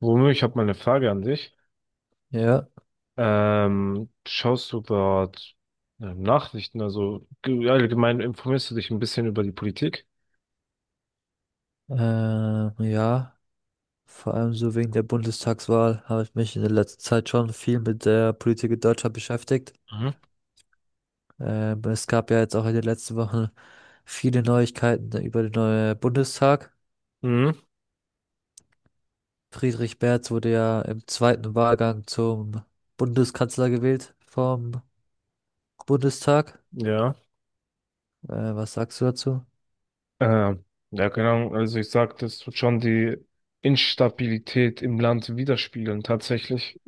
Romeo, ich habe mal eine Frage an dich. Ja, Schaust du dort Nachrichten, also allgemein informierst du dich ein bisschen über die Politik? äh, ja, vor allem so wegen der Bundestagswahl habe ich mich in der letzten Zeit schon viel mit der Politik in Deutschland beschäftigt. Mhm. Es gab ja jetzt auch in den letzten Wochen viele Neuigkeiten über den neuen Bundestag. Mhm. Friedrich Merz wurde ja im zweiten Wahlgang zum Bundeskanzler gewählt vom Bundestag. Ja. Was sagst du dazu? Ähm, ja, genau. Also ich sag, das wird schon die Instabilität im Land widerspiegeln, tatsächlich.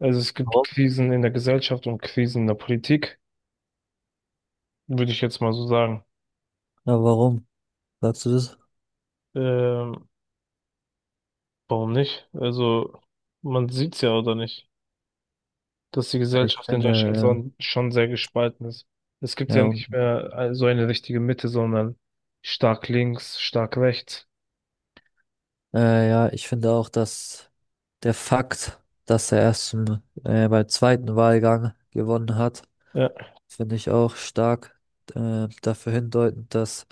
Also es gibt Warum? Krisen in der Gesellschaft und Krisen in der Politik, würde ich jetzt mal so sagen. Ja, warum sagst du das? Ähm, Warum nicht? Also man sieht's ja, oder nicht, dass die Ja, ich Gesellschaft in finde, Deutschland so schon sehr gespalten ist. Es gibt ja ja, nicht mehr so eine richtige Mitte, sondern stark links, stark rechts. Ja, ich finde auch, dass der Fakt, dass er erst im, beim zweiten Wahlgang gewonnen hat, Ja, finde ich auch stark dafür hindeutend, dass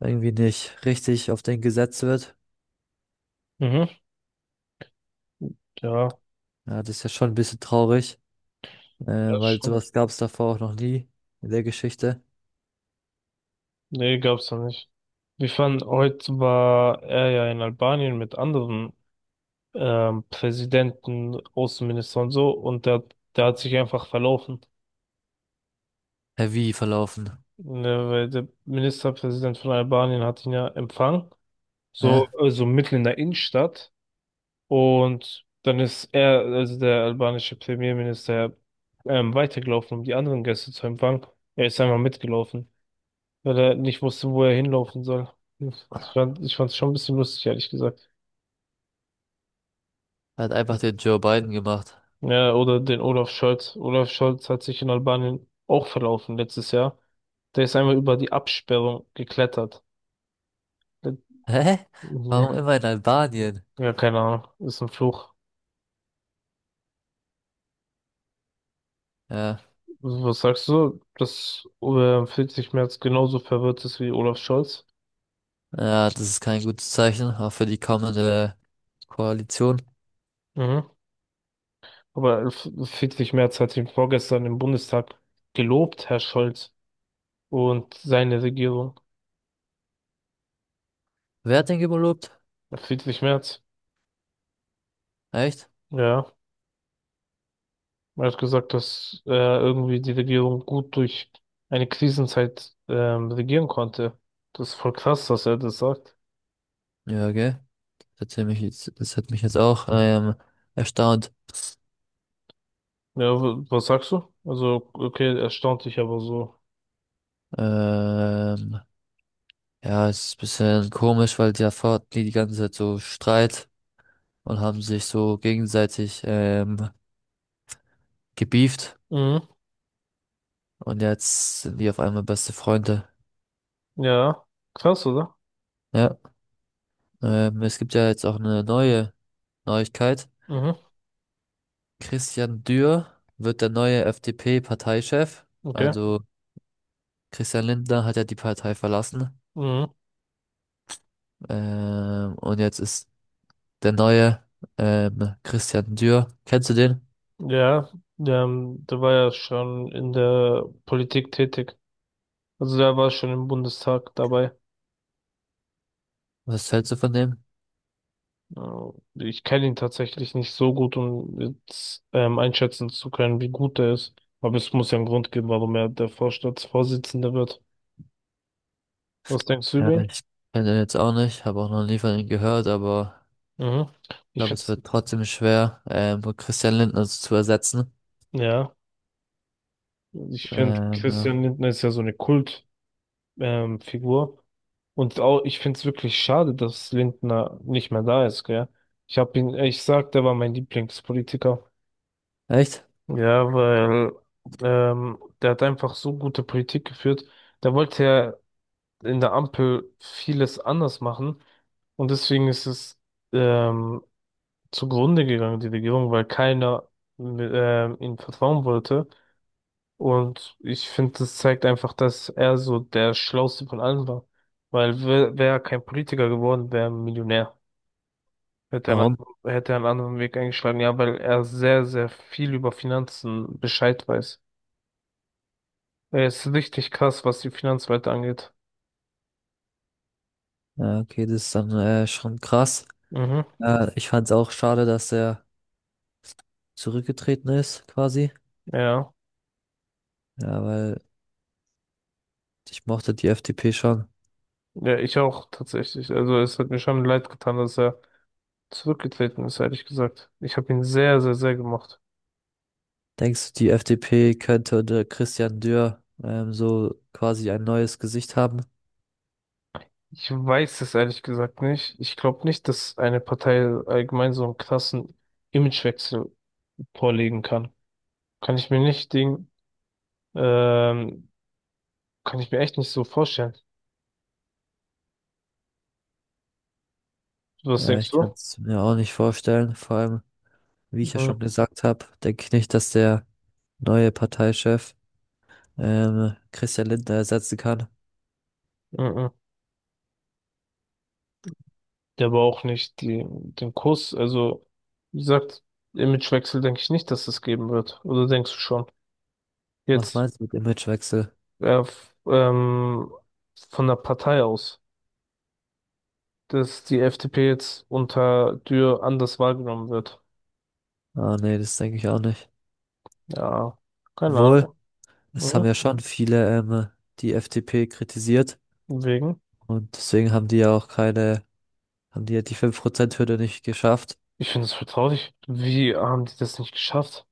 irgendwie nicht richtig auf den gesetzt wird. mhm. Ja, Ja, das ist ja schon ein bisschen traurig, äh, ja, weil schon. sowas gab es davor auch noch nie in der Geschichte. Nee, gab's noch nicht. Wir fanden, heute war er ja in Albanien mit anderen Präsidenten, Außenministern und so, und der hat sich einfach verlaufen. Hä, wie verlaufen? Ne, weil der Ministerpräsident von Albanien hat ihn ja empfangen, so, Hä? also mitten in der Innenstadt. Und dann ist er, also der albanische Premierminister, weitergelaufen, um die anderen Gäste zu empfangen. Er ist einfach mitgelaufen, weil er nicht wusste, wo er hinlaufen soll. Ich fand's schon ein bisschen lustig, ehrlich gesagt. Hat einfach den Joe Biden gemacht. Ja, oder den Olaf Scholz. Olaf Scholz hat sich in Albanien auch verlaufen letztes Jahr. Der ist einmal über die Absperrung geklettert. Hä? Warum immer in Albanien? Ja, keine Ahnung. Ist ein Fluch. Ja, Was sagst du? Das 40 März genauso verwirrt ist wie Olaf Scholz. ja, das ist kein gutes Zeichen, auch für die kommende Koalition. Mhm. Aber Friedrich Merz hat ihn vorgestern im Bundestag gelobt, Herr Scholz und seine Regierung. Wer hat den gelobt? Friedrich Merz, Echt? ja, er hat gesagt, dass irgendwie die Regierung gut durch eine Krisenzeit regieren konnte. Das ist voll krass, dass er das sagt. Ja, okay. Das hat mich jetzt auch erstaunt. Ja, was sagst du? Also, okay, erstaunt dich aber so. Ähm, ja, es ist ein bisschen komisch, weil davor hatten die die ganze Zeit so Streit und haben sich so gegenseitig gebieft Mhm, und jetzt sind die auf einmal beste Freunde. ja, krass, oder? Ja, es gibt ja jetzt auch eine neue Neuigkeit. Mhm, Christian Dürr wird der neue FDP-Parteichef. okay. Also Christian Lindner hat ja die Partei verlassen. Mhm, Und jetzt ist der neue Christian Dior. Kennst du den? ja, da war ja schon in der Politik tätig. Also der war schon im Bundestag dabei. Was hältst du von dem? Äh, Ich kenne ihn tatsächlich nicht so gut, um jetzt einschätzen zu können, wie gut er ist. Aber es muss ja einen Grund geben, warum er der Vorstandsvorsitzende wird. Was denkst du Ja, über ihn? ich kenne den jetzt auch nicht, habe auch noch nie von ihm gehört, aber Mhm. ich Ich glaube, finde, es wird trotzdem schwer, Christian Lindner zu ersetzen. ja, ich finde, Christian Ja. Lindner ist ja so eine Kult, Figur. Und auch, ich finde es wirklich schade, dass Lindner nicht mehr da ist, gell? Ich sag, der war mein Lieblingspolitiker. Echt? Ja, weil der hat einfach so gute Politik geführt. Der wollte ja in der Ampel vieles anders machen und deswegen ist es ähm, zugrunde gegangen, die Regierung, weil keiner ihm vertrauen wollte. Und ich finde, das zeigt einfach, dass er so der Schlauste von allen war. Weil wär er kein Politiker geworden, wäre er Millionär. Warum? Hätte er einen anderen Weg eingeschlagen, ja, weil er sehr, sehr viel über Finanzen Bescheid weiß. Ja, ist richtig krass, was die Finanzwelt angeht. Ja, okay, das ist dann schon krass. Mhm, Ja, ich fand es auch schade, dass er zurückgetreten ist, quasi. ja. Ja, weil ich mochte die FDP schon. Ja, ich auch tatsächlich. Also es hat mir schon leid getan, dass er zurückgetreten ist, ehrlich gesagt. Ich habe ihn sehr, sehr, sehr gemocht. Denkst du, die FDP könnte unter Christian Dürr so quasi ein neues Gesicht haben? Ich weiß es ehrlich gesagt nicht. Ich glaube nicht, dass eine Partei allgemein so einen krassen Imagewechsel vorlegen kann. Kann ich mir nicht Ding, ähm, Kann ich mir echt nicht so vorstellen. Was Ja, denkst ich kann du? es mir auch nicht vorstellen. Vor allem, wie ich ja schon Mhm. gesagt habe, denke ich nicht, dass der neue Parteichef Christian Lindner ersetzen kann. Mhm. Der aber auch nicht die, den Kuss. Also, wie gesagt, Imagewechsel denke ich nicht, dass es geben wird. Oder denkst du schon? Was Jetzt meinst du mit Imagewechsel? äh, f- ähm, von der Partei aus, dass die FDP jetzt unter Dürr anders wahrgenommen wird. Ah, nee, das denke ich auch nicht. Ja, keine Ahnung. Wohl, es haben Mhm. ja schon viele die FDP kritisiert Wegen. und deswegen haben die ja die 5% hürde nicht geschafft. Ich finde es vertraulich. Wie haben die das nicht geschafft?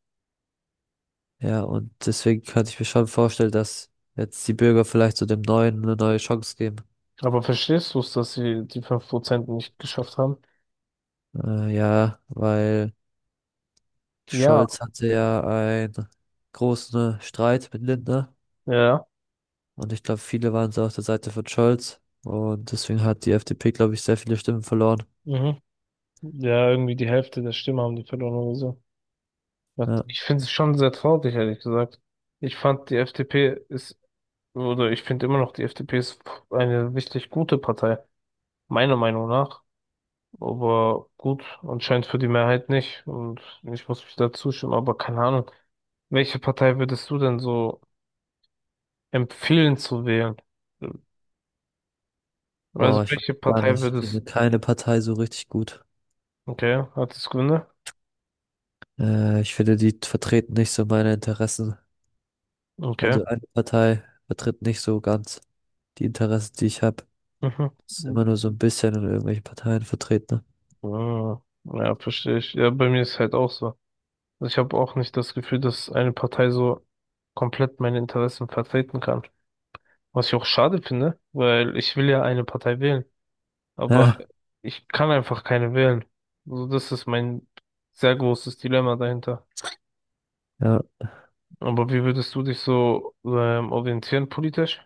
Ja, und deswegen könnte ich mir schon vorstellen, dass jetzt die Bürger vielleicht so dem Neuen eine neue Chance geben. Aber verstehst du es, dass sie die 5% nicht geschafft haben? Ja, weil Ja. Scholz hatte ja einen großen Streit mit Lindner Ja. und ich glaube, viele waren so auf der Seite von Scholz und deswegen hat die FDP, glaube ich, sehr viele Stimmen verloren. Mhm. Ja, irgendwie die Hälfte der Stimme haben die verloren oder so. Ja, Ja. ich finde es schon sehr traurig, ehrlich gesagt. Ich fand, die FDP ist, oder ich finde immer noch, die FDP ist eine richtig gute Partei, meiner Meinung nach. Aber gut, anscheinend für die Mehrheit nicht. Und ich muss mich da zustimmen, aber keine Ahnung. Welche Partei würdest du denn so empfehlen zu wählen? Also, Oh, ich weiß welche gar Partei nicht. Ich würdest, finde keine Partei so richtig gut. okay, hat es Gründe? Ich finde, die vertreten nicht so meine Interessen. Okay. Also eine Partei vertritt nicht so ganz die Interessen, die ich habe. Mhm. Ist immer nur so ein bisschen in irgendwelchen Parteien vertreten. Mhm. Ja, verstehe ich. Ja, bei mir ist halt auch so. Also ich habe auch nicht das Gefühl, dass eine Partei so komplett meine Interessen vertreten kann. Was ich auch schade finde, weil ich will ja eine Partei wählen, aber Ne? ich kann einfach keine wählen. Also das ist mein sehr großes Dilemma dahinter. Ja, Aber wie würdest du dich so orientieren politisch?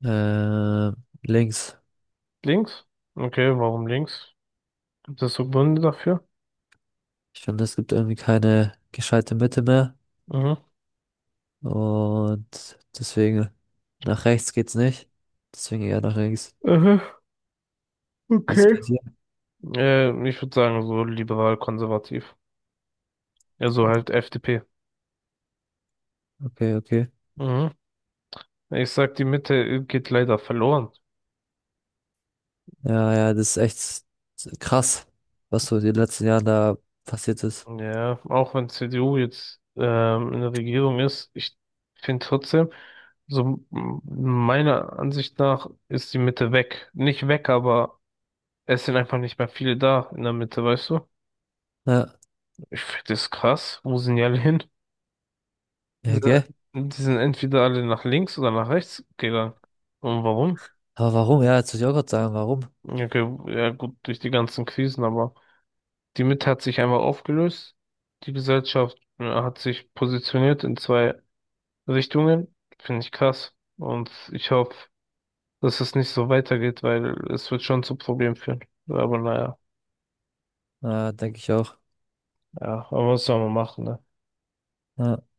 ja. Links. Links? Okay, warum links? Gibt es so Gründe dafür? Ich finde, es gibt irgendwie keine gescheite Mitte mehr. Mhm. Und deswegen nach rechts geht's nicht. Deswegen eher nach links. Aha, Wie ist es okay. bei dir? Ich würde sagen, so liberal-konservativ. Ja so halt FDP. Okay, okay. Mhm. Ich sag, die Mitte geht leider verloren. Ja, ja, das ist echt krass, was so in den letzten Jahren da passiert ist. Ja, auch wenn CDU jetzt in der Regierung ist, ich finde trotzdem, so meiner Ansicht nach ist die Mitte weg. Nicht weg, aber es sind einfach nicht mehr viele da in der Mitte, weißt du? Ja, Ich finde das krass. Wo sind die alle hin? Die ja, gell? sind, die sind entweder alle nach links oder nach rechts gegangen. Und warum? Aber warum? Ja, jetzt muss ich auch gerade sagen, warum? Okay, ja gut, durch die ganzen Krisen, aber. Die Mitte hat sich einmal aufgelöst. Die Gesellschaft hat sich positioniert in zwei Richtungen. Finde ich krass. Und ich hoffe, dass es nicht so weitergeht, weil es wird schon zu Problemen führen. Aber naja, Denke ich auch. ja, aber was soll man machen, ne? Ja.